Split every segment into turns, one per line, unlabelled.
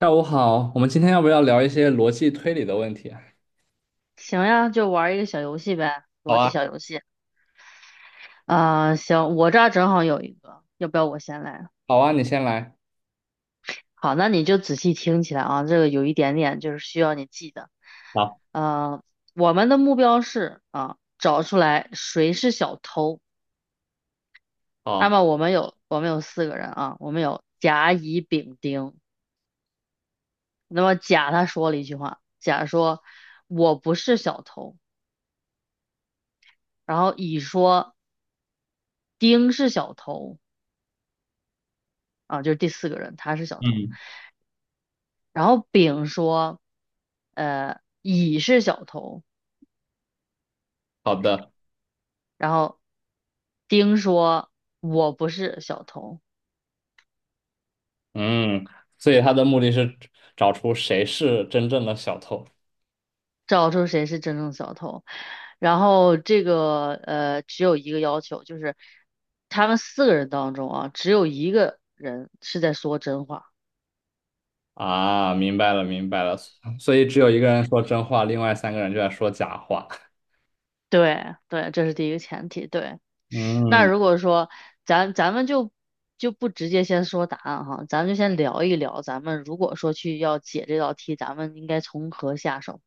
下午好，我们今天要不要聊一些逻辑推理的问题啊。
行呀，就玩一个小游戏呗，
好
逻辑
啊。
小游戏。行，我这儿正好有一个，要不要我先来？
好啊，你先来。
好，那你就仔细听起来啊，这个有一点点就是需要你记的。
好。
呃，我们的目标是啊，找出来谁是小偷。那
好。
么我们有四个人啊，我们有甲、乙、丙、丁。那么甲他说了一句话，甲说我不是小偷，然后乙说丁是小偷啊，就是第四个人，他是小偷。
嗯。
然后丙说，乙是小偷，
好的。
然后丁说我不是小偷，
嗯。所以他的目的是找出谁是真正的小偷。
找出谁是真正的小偷。然后这个只有一个要求，就是他们四个人当中啊，只有一个人是在说真话。
啊，明白了，明白了。所以只有一个人说真话，另外三个人就在说假话。
对对，这是第一个前提。对。那
嗯，
如果说咱们就不直接先说答案哈，咱们就先聊一聊，咱们如果说去要解这道题，咱们应该从何下手？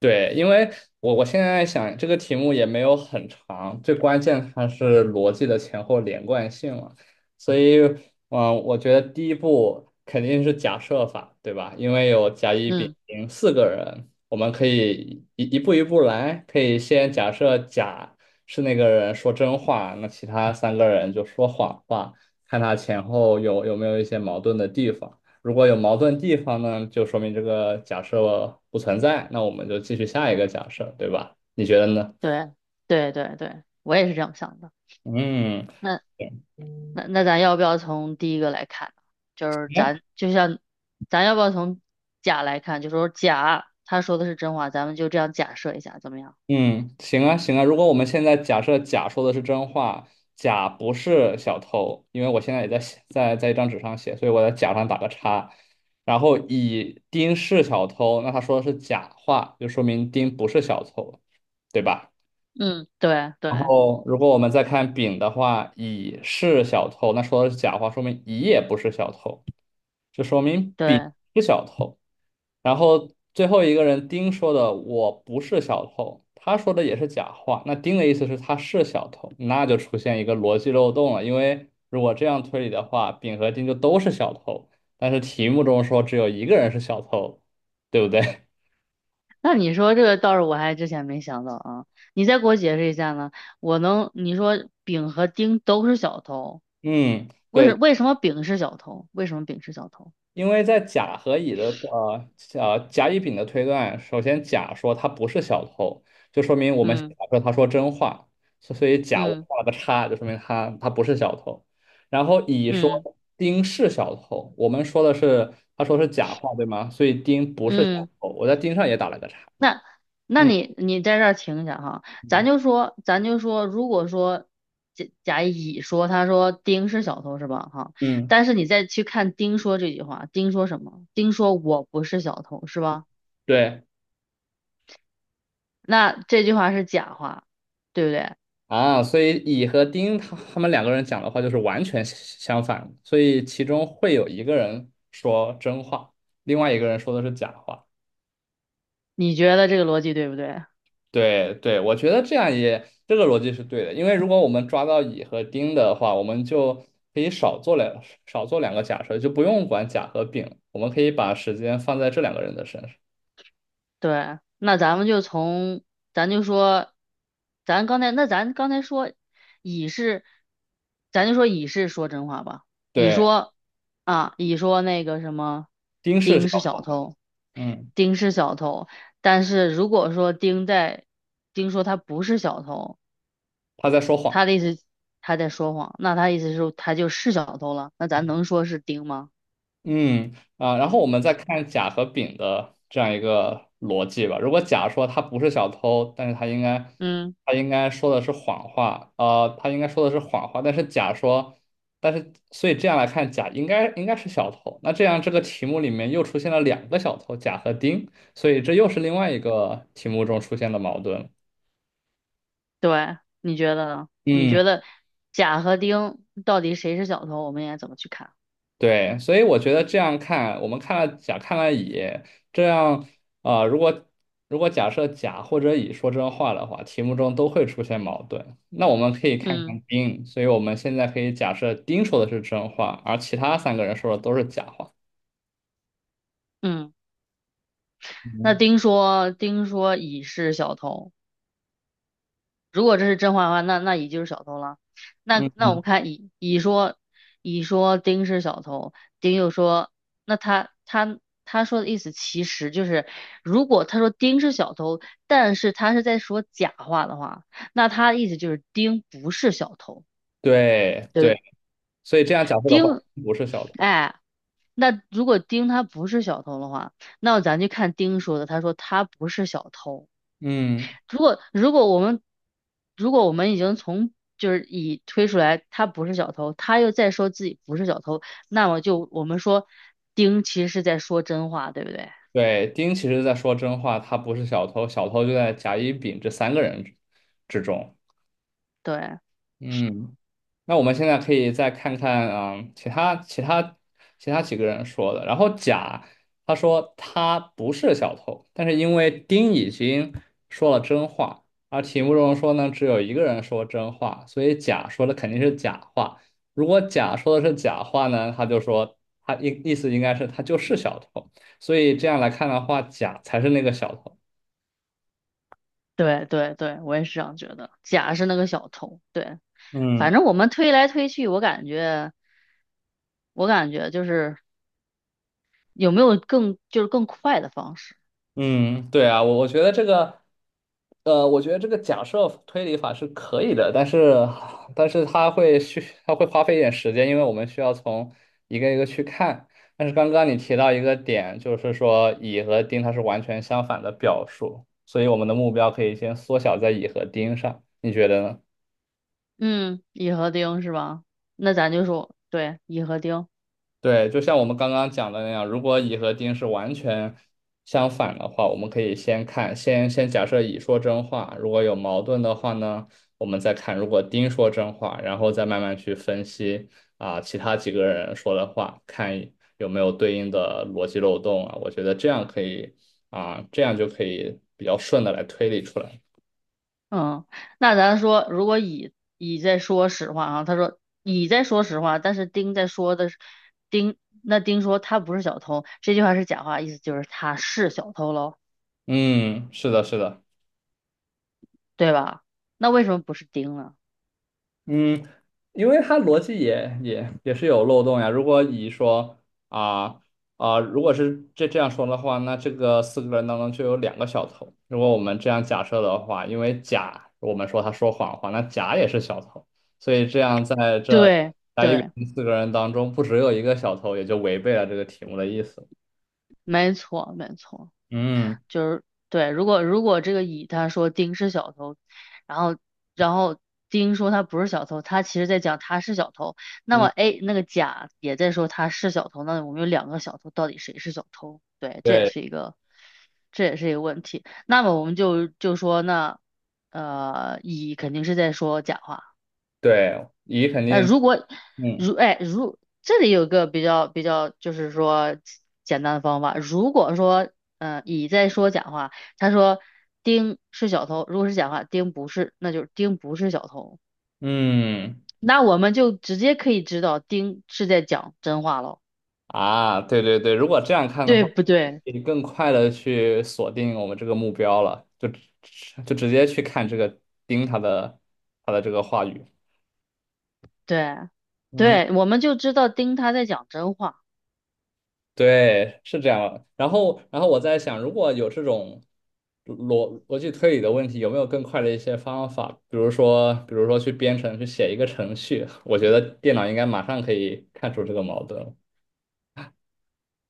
对，因为我现在想这个题目也没有很长，最关键它是逻辑的前后连贯性了，所以我觉得第一步肯定是假设法，对吧？因为有甲乙丙
嗯，
丁四个人，我们可以一步一步来，可以先假设甲是那个人说真话，那其他三个人就说谎话，看他前后有没有一些矛盾的地方。如果有矛盾地方呢，就说明这个假设不存在，那我们就继续下一个假设，对吧？你觉得呢？
对对对对，我也是这样想的。
嗯，
那
行
那那咱要不要从第一个来看呢，就是咱就像咱要不要从甲来看？就说甲他说的是真话，咱们就这样假设一下，怎么样？
嗯，行啊，行啊。如果我们现在假设甲说的是真话，甲不是小偷，因为我现在也在写，在一张纸上写，所以我在甲上打个叉。然后乙丁是小偷，那他说的是假话，就说明丁不是小偷，对吧？
嗯，对
然
对
后，如果我们再看丙的话，乙是小偷，那说的是假话，说明乙也不是小偷，就说明丙
对。
是小偷。然后最后一个人丁说的我不是小偷，他说的也是假话，那丁的意思是他是小偷，那就出现一个逻辑漏洞了。因为如果这样推理的话，丙和丁就都是小偷，但是题目中说只有一个人是小偷，对不对？
那你说这个倒是我还之前没想到啊，你再给我解释一下呢？我能，你说丙和丁都是小偷，
嗯，对，
为什么丙是小偷？为什么丙是小偷？
因为在甲和乙的甲乙丙的推断，首先甲说他不是小偷，就说明我们先
嗯，
假设他说真话，所以甲我
嗯，
画了个叉，就说明他不是小偷。然后乙
嗯，
说丁是小偷，我们说的是他说是假话，对吗？所以丁不是小
嗯，
偷，我在丁上也打了个叉。
那
嗯。
你你在这儿停一下哈，咱
嗯。
就说咱就说，如果说乙说他说丁是小偷是吧？哈，
嗯。
但是你再去看丁说这句话，丁说什么？丁说我不是小偷是吧？
对。
那这句话是假话，对不对？
啊，所以乙和丁他们两个人讲的话就是完全相反，所以其中会有一个人说真话，另外一个人说的是假话。
你觉得这个逻辑对不对？
对对，我觉得这样也这个逻辑是对的，因为如果我们抓到乙和丁的话，我们就可以少做两个假设，就不用管甲和丙了。我们可以把时间放在这两个人的身上。
对，那咱们就从，咱就说，咱刚才说乙是，咱就说乙是说真话吧。乙
对。
说乙说那个什么，
丁是
丁
小
是小偷，
嗯，
丁是小偷。但是如果说丁说他不是小偷，
他在说
他
谎。
的意思他在说谎，那他意思是他就是小偷了。那咱能说是丁吗？
嗯。啊，然后我们再看甲和丙的这样一个逻辑吧。如果甲说他不是小偷，但是他应该
嗯。
他应该说的是谎话，他应该说的是谎话，但是所以这样来看，甲应该是小偷。那这样这个题目里面又出现了两个小偷，甲和丁，所以这又是另外一个题目中出现的矛盾了。
对，你觉得呢？你
嗯。
觉得甲和丁到底谁是小偷？我们应该怎么去看？
对，所以我觉得这样看，我们看了甲，看了乙，这样啊、呃如果如果假设甲或者乙说真话的话，题目中都会出现矛盾。那我们可以看
嗯，
看丁，所以我们现在可以假设丁说的是真话，而其他三个人说的都是假话。
嗯，那
嗯。
丁说，丁说乙是小偷。如果这是真话的话，那那乙就是小偷了。那
嗯。
那我们
嗯。
看乙，乙说，乙说丁是小偷，丁又说，那他他说的意思其实就是，如果他说丁是小偷，但是他是在说假话的话，那他的意思就是丁不是小偷。
对对，
对。
所以这样假设的话，
丁，
不是小偷。
哎，那如果丁他不是小偷的话，那咱就看丁说的，他说他不是小偷。
嗯，
如果如果我们如果我们已经从已推出来他不是小偷，他又再说自己不是小偷，那么就我们说丁其实是在说真话，对不对？
对，丁其实在说真话，他不是小偷，小偷就在甲、乙、丙这三个人之中。
对
嗯。那我们现在可以再看看，其他几个人说的。然后甲他说他不是小偷，但是因为丁已经说了真话，而题目中说呢只有一个人说真话，所以甲说的肯定是假话。如果甲说的是假话呢，他就说他意思应该是他就是小偷，所以这样来看的话，甲才是那个小偷。
对对对，我也是这样觉得。甲是那个小偷，对，反
嗯。
正我们推来推去，我感觉有没有更更快的方式。
嗯，对啊，我觉得这个，我觉得这个假设推理法是可以的，但是它会花费一点时间，因为我们需要从一个一个去看。但是刚刚你提到一个点，就是说乙和丁它是完全相反的表述，所以我们的目标可以先缩小在乙和丁上，你觉得呢？
嗯，乙和丁是吧？那咱就说对，乙和丁。
对，就像我们刚刚讲的那样，如果乙和丁是完全相反的话，我们可以先看，先先假设乙说真话，如果有矛盾的话呢，我们再看如果丁说真话，然后再慢慢去分析啊，其他几个人说的话，看有没有对应的逻辑漏洞啊。我觉得这样可以啊，这样就可以比较顺的来推理出来。
嗯，那咱说，如果乙在说实话啊，他说乙在说实话，但是丁在说的是丁，那丁说他不是小偷，这句话是假话，意思就是他是小偷喽，
嗯，是的，是的。
对吧？那为什么不是丁呢？
嗯，因为它逻辑也是有漏洞呀。啊如果是这样说的话，那这个四个人当中就有两个小偷。如果我们这样假设的话，因为甲我们说他说谎话，那甲也是小偷，所以这样在这
对
甲乙丙
对，
丁四个人当中，不只有一个小偷，也就违背了这个题目的意思。
没错没错。
嗯。
就是对，如果这个乙他说丁是小偷，然后然后丁说他不是小偷，他其实在讲他是小偷，那么
嗯。
A 那个甲也在说他是小偷，那我们有两个小偷，到底谁是小偷？对，
对
这也是一个问题。那么我们就说那乙肯定是在说假话。
对，乙肯
那
定。
如果
嗯。
如哎如这里有个比较简单的方法，如果说嗯，乙在说假话，他说丁是小偷，如果是假话，丁不是，那就是丁不是小偷，
嗯。
那我们就直接可以知道丁是在讲真话喽。
啊，对对对，如果这样看的
对
话，
不对？
可以更快的去锁定我们这个目标了，就直接去看这个盯它的这个话语。
对，
嗯，
对，我们就知道丁他在讲真话。
对，是这样的。然后我在想，如果有这种逻辑推理的问题，有没有更快的一些方法？比如说去编程，去写一个程序，我觉得电脑应该马上可以看出这个矛盾。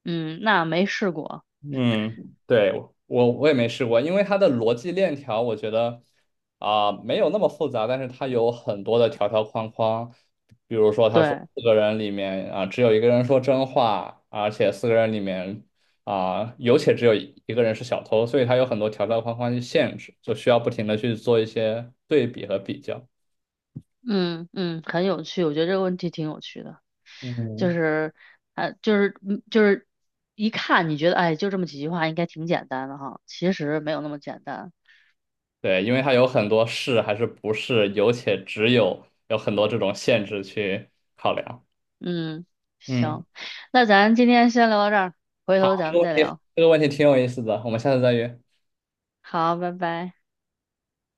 嗯，那没试过。
嗯，对，我也没试过，因为它的逻辑链条，我觉得没有那么复杂，但是它有很多的条条框框，比如说他说
对，
四个人里面只有一个人说真话，而且四个人里面有且只有一个人是小偷，所以它有很多条条框框去限制，就需要不停的去做一些对比和比较。
嗯嗯，很有趣，我觉得这个问题挺有趣的。就
嗯，
是呃，就是嗯就是一看你觉得哎，就这么几句话应该挺简单的哈，其实没有那么简单。
对，因为它有很多是还是不是，有且只有有很多这种限制去考量。
嗯，
嗯。
行，那咱今天先聊到这儿，回
好，
头
这
咱
个
们
问
再
题
聊。
这个问题挺有意思的，我们下次再约。
好，拜拜。